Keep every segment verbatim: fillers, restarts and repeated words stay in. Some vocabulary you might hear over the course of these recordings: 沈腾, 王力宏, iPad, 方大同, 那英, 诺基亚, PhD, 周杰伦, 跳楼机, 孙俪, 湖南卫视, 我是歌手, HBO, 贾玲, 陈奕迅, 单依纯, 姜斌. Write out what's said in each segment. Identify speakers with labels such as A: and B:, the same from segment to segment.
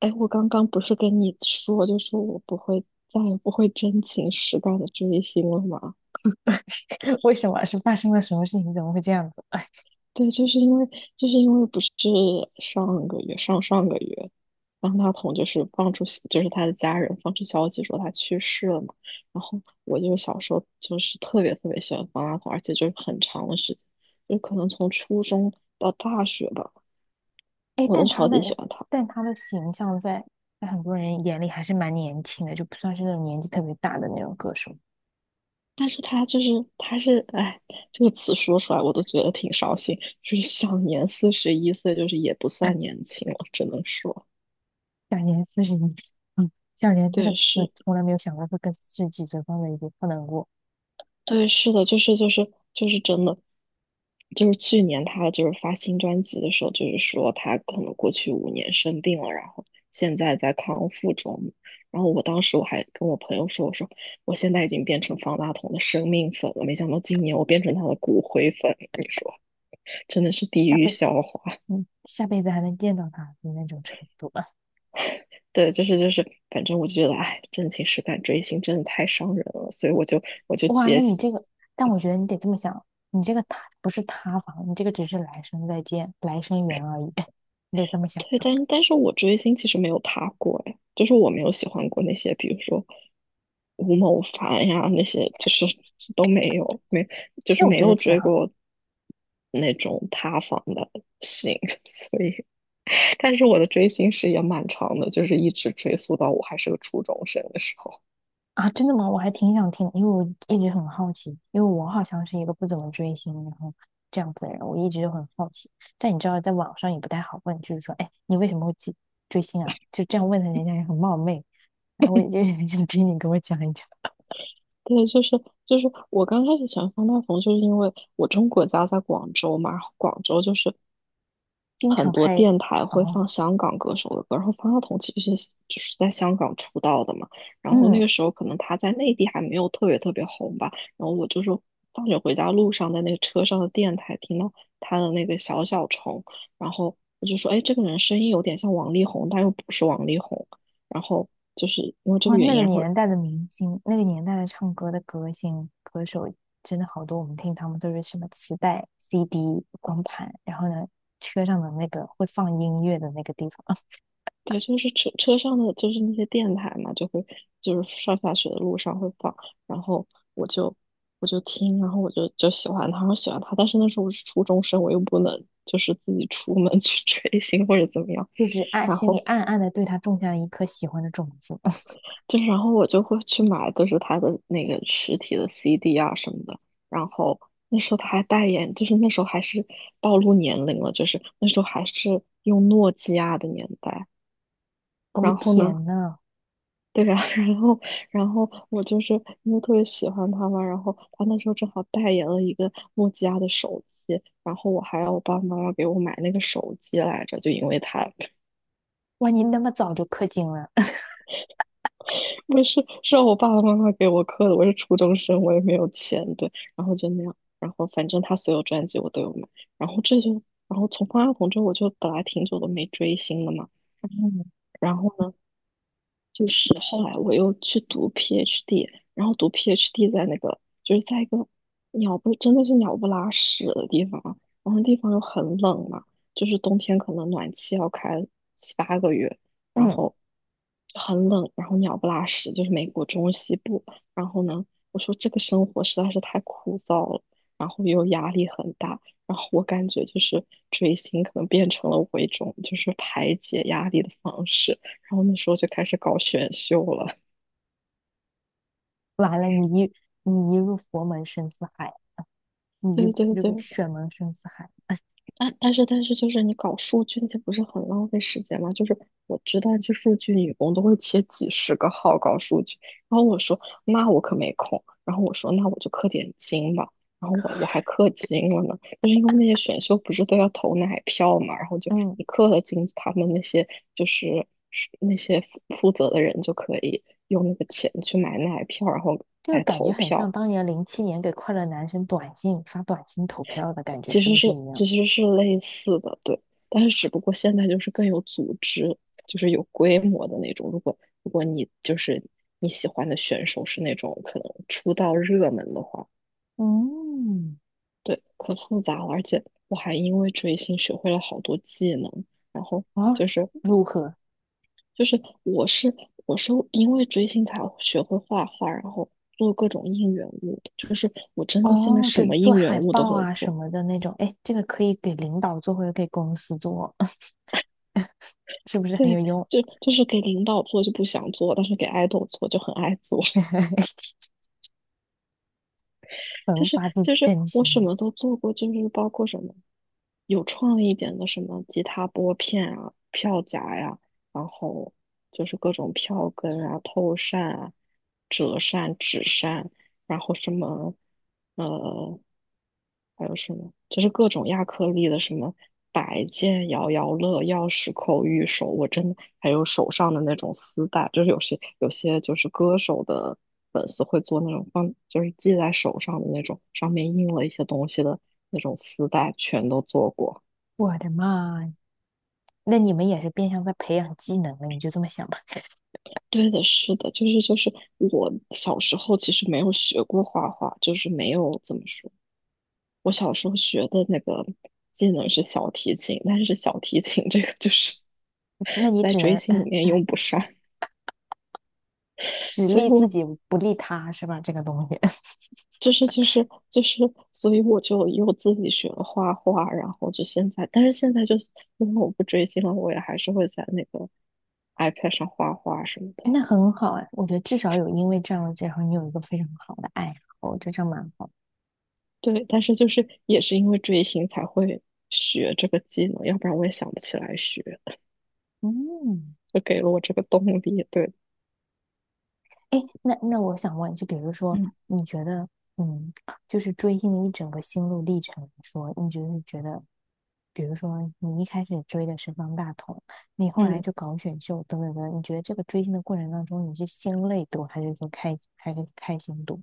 A: 哎，我刚刚不是跟你说，就是我不会再也不会真情实感的追星了吗？
B: 为什么是发生了什么事情？怎么会这样子？
A: 对，就是因为就是因为不是上个月上上个月，方大同就是放出就是他的家人放出消息说他去世了嘛。然后我就是小时候就是特别特别喜欢方大同，而且就是很长的时间，就可能从初中到大学吧，
B: 哎，
A: 我都
B: 但他
A: 超级喜
B: 的
A: 欢他。
B: 但他的形象在在很多人眼里还是蛮年轻的，就不算是那种年纪特别大的那种歌手。
A: 但是他就是他是哎，这个词说出来我都觉得挺伤心，就是享年四十一岁，就是也不算 年轻了，只能说。
B: 享年四十一，嗯，享年这个
A: 对。
B: 词
A: 是。
B: 从来没有想过会跟四十几岁放在一起，不能过
A: 对，是的，就是就是就是真的，就是去年他就是发新专辑的时候，就是说他可能过去五年生病了，然后现在在康复中。然后我当时我还跟我朋友说，我说我现在已经变成方大同的生命粉了，没想到今年我变成他的骨灰粉，你说真的是地
B: 下
A: 狱
B: 辈，
A: 笑话。
B: 嗯，下辈子还能见到他的那种程度吧。
A: 对，就是就是，反正我就觉得，哎，真情实感追星真的太伤人了，所以我就我就
B: 哇，那
A: 接。
B: 你这个，但我觉得你得这么想，你这个塌不是塌房，你这个只是来生再见，来生缘而已，你得这么想
A: 对，
B: 的。
A: 但但是我追星其实没有他过哎，就是我没有喜欢过那些，比如说吴某凡呀那些，就是都没有，没就是
B: 那我
A: 没
B: 觉得
A: 有
B: 挺
A: 追
B: 好。
A: 过那种塌房的星。所以，但是我的追星史也蛮长的，就是一直追溯到我还是个初中生的时候。
B: 啊，真的吗？我还挺想听，因为我一直很好奇，因为我好像是一个不怎么追星，然后这样子的人，我一直就很好奇。但你知道，在网上也不太好问，就是说，哎，你为什么会去追星啊？就这样问的人家也很冒昧。然后我也就 是很想听你给我讲一讲，
A: 对，就是就是我刚开始喜欢方大同，就是因为我中国家在广州嘛，然后广州就是
B: 经
A: 很
B: 常
A: 多
B: 开，
A: 电台会
B: 哦，
A: 放香港歌手的歌，然后方大同其实是就是在香港出道的嘛。然后那
B: 嗯，
A: 个时候可能他在内地还没有特别特别红吧，然后我就说放学回家路上在那个车上的电台听到他的那个小小虫。然后我就说，哎，这个人声音有点像王力宏，但又不是王力宏，然后就是因为这
B: 哇，
A: 个原
B: 那
A: 因。
B: 个
A: 然后
B: 年代的明星，那个年代的唱歌的歌星歌手，真的好多。我们听他们都是什么磁带、C D、光盘，然后呢，车上的那个会放音乐的那个地方。
A: 对，就是车车上的就是那些电台嘛，就会就是上下学的路上会放。然后我就我就听，然后我就就喜欢他，我喜欢他，但是那时候我是初中生，我又不能就是自己出门去 追星或者怎么样。
B: 就是暗
A: 然
B: 心里
A: 后
B: 暗暗的对他种下了一颗喜欢的种子。
A: 就是，然后我就会去买，就是他的那个实体的 C D 啊什么的。然后那时候他还代言，就是那时候还是暴露年龄了，就是那时候还是用诺基亚的年代。
B: 哦
A: 然后呢，
B: 天呐，
A: 对呀，然后，然后我就是因为特别喜欢他嘛，然后他那时候正好代言了一个诺基亚的手机，然后我还让我爸爸妈妈给我买那个手机来着，就因为他。
B: 哇，你那么早就氪金了，
A: 不是是让我爸爸妈妈给我刻的，我是初中生，我也没有钱。对，然后就那样，然后反正他所有专辑我都有买。然后这就，然后从方大同之后我就本来挺久都没追星了嘛。
B: 嗯
A: 然后呢，就是后来我又去读 PhD,然后读 PhD 在那个就是在一个鸟不真的是鸟不拉屎的地方，然后那地方又很冷嘛，就是冬天可能暖气要开七八个月，然
B: 嗯，
A: 后很冷，然后鸟不拉屎，就是美国中西部。然后呢，我说这个生活实在是太枯燥了，然后又压力很大，然后我感觉就是追星可能变成了我一种就是排解压力的方式。然后那时候就开始搞选秀了。
B: 完了，你一你一入佛门深似海，你 一
A: 对
B: 入
A: 对
B: 这
A: 对，
B: 个选门深似海，
A: 但但是但是就是你搞数据那些不是很浪费时间吗？就是我知道就数据女工都会切几十个号搞数据，然后我说那我可没空，然后我说那我就氪点金吧。然后我我还氪金了呢，就是因为那些选秀不是都要投奶票嘛，然后就
B: 嗯，
A: 你氪了金，他们那些就是是那些负负责的人就可以用那个钱去买奶票，然后
B: 这个
A: 来
B: 感觉
A: 投
B: 很像
A: 票。
B: 当年零七年给快乐男生短信发短信投票的感觉，
A: 其
B: 是
A: 实
B: 不是
A: 是
B: 一样？
A: 其实是类似的。对，但是只不过现在就是更有组织，就是有规模的那种。如果如果你就是你喜欢的选手是那种可能出道热门的话。
B: 嗯，
A: 对，可复杂了。而且我还因为追星学会了好多技能。然后
B: 哦，
A: 就是
B: 如何？
A: 就是我是我是因为追星才学会画画，然后做各种应援物的，就是我真的现在
B: 哦，
A: 什
B: 就
A: 么
B: 做
A: 应援
B: 海
A: 物都
B: 报
A: 会
B: 啊什
A: 做。
B: 么的那种，哎，这个可以给领导做或者给公司做，是不是很
A: 对，
B: 有用？
A: 就就是给领导做就不想做，但是给爱豆做就很爱做。就
B: 无
A: 是
B: 法自
A: 就是
B: 真
A: 我什
B: 心，
A: 么都做过，就是包括什么有创意一点的什么吉他拨片啊、票夹呀，然后就是各种票根啊、透扇啊、折扇、纸扇，然后什么呃，还有什么，就是各种亚克力的什么摆件、摇摇乐、钥匙扣、玉手，我真的还有手上的那种丝带，就是有些有些就是歌手的粉丝会做那种放，就是系在手上的那种，上面印了一些东西的那种丝带，全都做过。
B: 我的妈呀！那你们也是变相在培养技能了，你就这么想吧？
A: 对的，是的，就是就是我小时候其实没有学过画画，就是没有怎么说。我小时候学的那个技能是小提琴，但是小提琴这个就是
B: 那 你
A: 在
B: 只
A: 追
B: 能
A: 星
B: 呃
A: 里面用不上，
B: 只
A: 所以
B: 利自
A: 我
B: 己不利他，是吧？这个东西，
A: 就是就是就是，所以我就又自己学了画画，然后就现在，但是现在就是因为我不追星了，我也还是会在那个 iPad 上画画什么 的。
B: 那很好哎，我觉得至少有因为这样的然后你有一个非常好的爱好，这样蛮好。
A: 对，但是就是也是因为追星才会学这个技能，要不然我也想不起来学，
B: 嗯。
A: 就给了我这个动力。对。
B: 哎，那那我想问，就比如说，
A: 嗯
B: 你觉得，嗯，就是追星的一整个心路历程来说，你就是觉得，比如说你一开始追的是方大同，你后来
A: 嗯。
B: 就搞选秀等等等等你觉得这个追星的过程当中，你是心累多，还是说开还是开心多？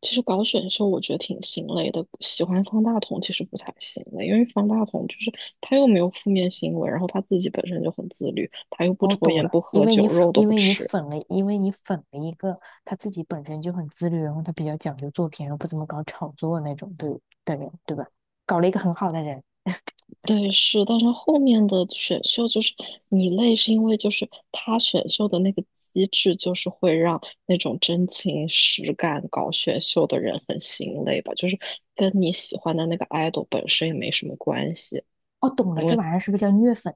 A: 其实搞选秀我觉得挺心累的，喜欢方大同其实不太心累，因为方大同就是他又没有负面新闻，然后他自己本身就很自律，他又不
B: 哦，
A: 抽
B: 懂
A: 烟
B: 了，
A: 不
B: 因
A: 喝
B: 为你
A: 酒，
B: 粉
A: 肉都
B: 因
A: 不
B: 为你
A: 吃。
B: 粉了，因为你粉了一个他自己本身就很自律，然后他比较讲究作品，然后不怎么搞炒作那种对的人，对吧？搞了一个很好的人。
A: 对，是，但是后面的选秀就是你累，是因为就是他选秀的那个机制，就是会让那种真情实感搞选秀的人很心累吧，就是跟你喜欢的那个 idol 本身也没什么关系。
B: 哦，懂了，
A: 因
B: 这
A: 为。
B: 玩意儿是不是叫虐粉？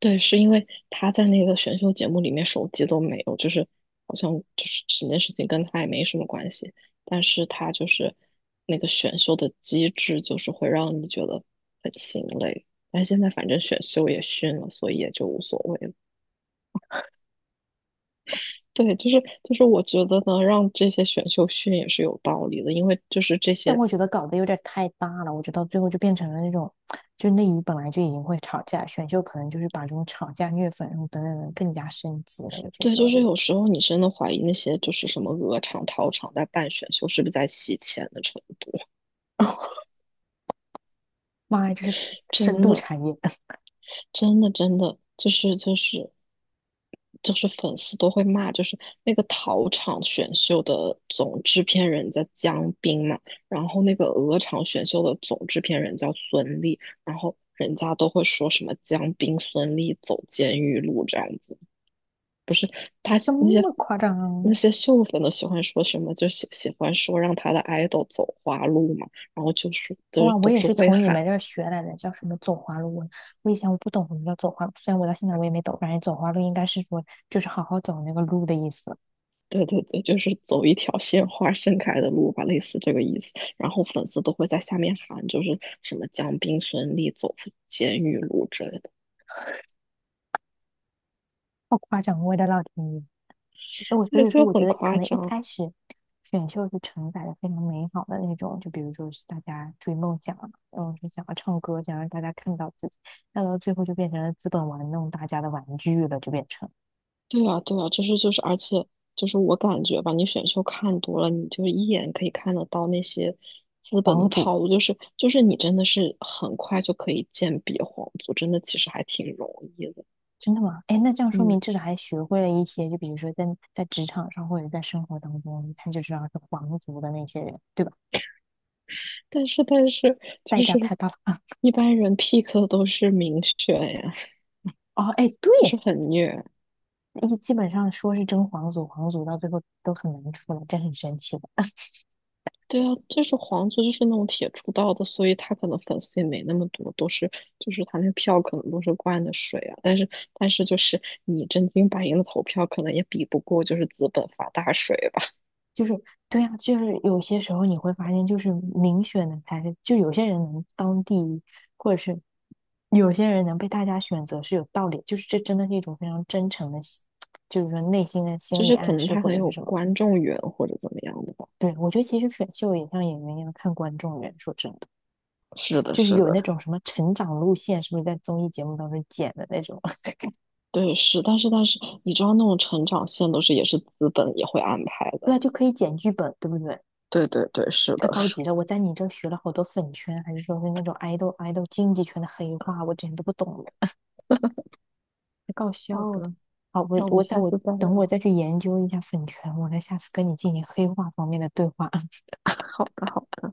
A: 对，是因为他在那个选秀节目里面手机都没有，就是好像就是这件事情跟他也没什么关系，但是他就是那个选秀的机制，就是会让你觉得很心累。但现在反正选秀也训了，所以也就无所谓了。对，就是就是我觉得呢，让这些选秀训也是有道理的，因为就是这
B: 但
A: 些。
B: 我觉得搞得有点太大了，我觉得到最后就变成了那种，就内娱本来就已经会吵架，选秀可能就是把这种吵架、虐粉然后等等等更加升级了。有些
A: 对，
B: 时候
A: 就
B: 你
A: 是
B: 会
A: 有
B: 觉
A: 时候你真的怀疑那些就是什么鹅厂、桃厂在办选秀是不是在洗钱的程度，
B: 得 哦，妈呀，这是深深
A: 真
B: 度
A: 的。
B: 产业，
A: 真的真的就是就是就是粉丝都会骂，就是那个桃场选秀的总制片人叫姜斌嘛，然后那个鹅厂选秀的总制片人叫孙俪，然后人家都会说什么姜斌、孙俪走监狱路这样子。他
B: 这
A: 那些
B: 么夸张啊
A: 那些秀粉都喜欢说什么，就喜喜欢说让他的 idol 走花路嘛，然后就说就
B: 哇，
A: 是
B: 我
A: 都都
B: 也
A: 是
B: 是
A: 会
B: 从你
A: 喊。
B: 们这儿学来的，叫什么走花路？我以前我不懂什么叫走花路，虽然我到现在我也没懂，反正走花路应该是说就是好好走那个路的意思。
A: 对对对，就是走一条鲜花盛开的路吧，类似这个意思。然后粉丝都会在下面喊，就是什么“将斌孙俪走出监狱路”之类的。
B: 好夸张，我的老天爷！那我所
A: 对，
B: 以说，
A: 就
B: 我觉
A: 很
B: 得可
A: 夸
B: 能一
A: 张。
B: 开始选秀是承载着非常美好的那种，就比如说是大家追梦想啊，然后是想要唱歌，想让大家看到自己，那到最后就变成了资本玩弄大家的玩具了，就变成
A: 对啊，对啊，就是就是，而且就是我感觉吧，你选秀看多了，你就一眼可以看得到那些资本
B: 皇
A: 的
B: 族。
A: 套路，就是就是你真的是很快就可以鉴别皇族，真的其实还挺容易的。
B: 真的吗？哎，那这样说明
A: 嗯，
B: 至少还学会了一些，就比如说在在职场上或者在生活当中，一看就知道是皇族的那些人，对吧？
A: 但是但是
B: 代
A: 就
B: 价
A: 是
B: 太大了啊！
A: 一般人 pick 的都是明选呀。
B: 哦，哎，对，
A: 就是很虐。
B: 一基本上说是争皇族，皇族到最后都很难出来，这很神奇的。
A: 对啊，就是黄族就是那种铁出道的，所以他可能粉丝也没那么多，都是就是他那个票可能都是灌的水啊。但是但是就是你真金白银的投票，可能也比不过就是资本发大水吧。
B: 就是对呀，就是有些时候你会发现，就是民选的才是，就有些人能当第一，或者是有些人能被大家选择是有道理，就是这真的是一种非常真诚的心，就是说内心的心
A: 就
B: 理
A: 是可
B: 暗
A: 能
B: 示
A: 他
B: 或
A: 很
B: 者是
A: 有
B: 什么。
A: 观众缘或者怎么样的吧。
B: 对，我觉得其实选秀也像演员一样看观众缘，说真的，
A: 是的，
B: 就是
A: 是
B: 有那
A: 的。
B: 种什么成长路线，是不是在综艺节目当中剪的那种？
A: 对，是，但是但是你知道那种成长线都是也是资本也会安排
B: 对
A: 的。
B: 啊，就可以剪剧本，对不对？
A: 对对对，是
B: 太
A: 的。
B: 高级了！我在你这儿学了好多粉圈，还是说是那种爱豆爱豆经济圈的黑话，我之前都不懂。太搞笑
A: 好
B: 的。
A: 的，
B: 好，我
A: 那我们
B: 我在
A: 下
B: 我
A: 次再
B: 等我
A: 聊。
B: 再去研究一下粉拳，我再下次跟你进行黑化方面的对话。
A: 好的，好。的。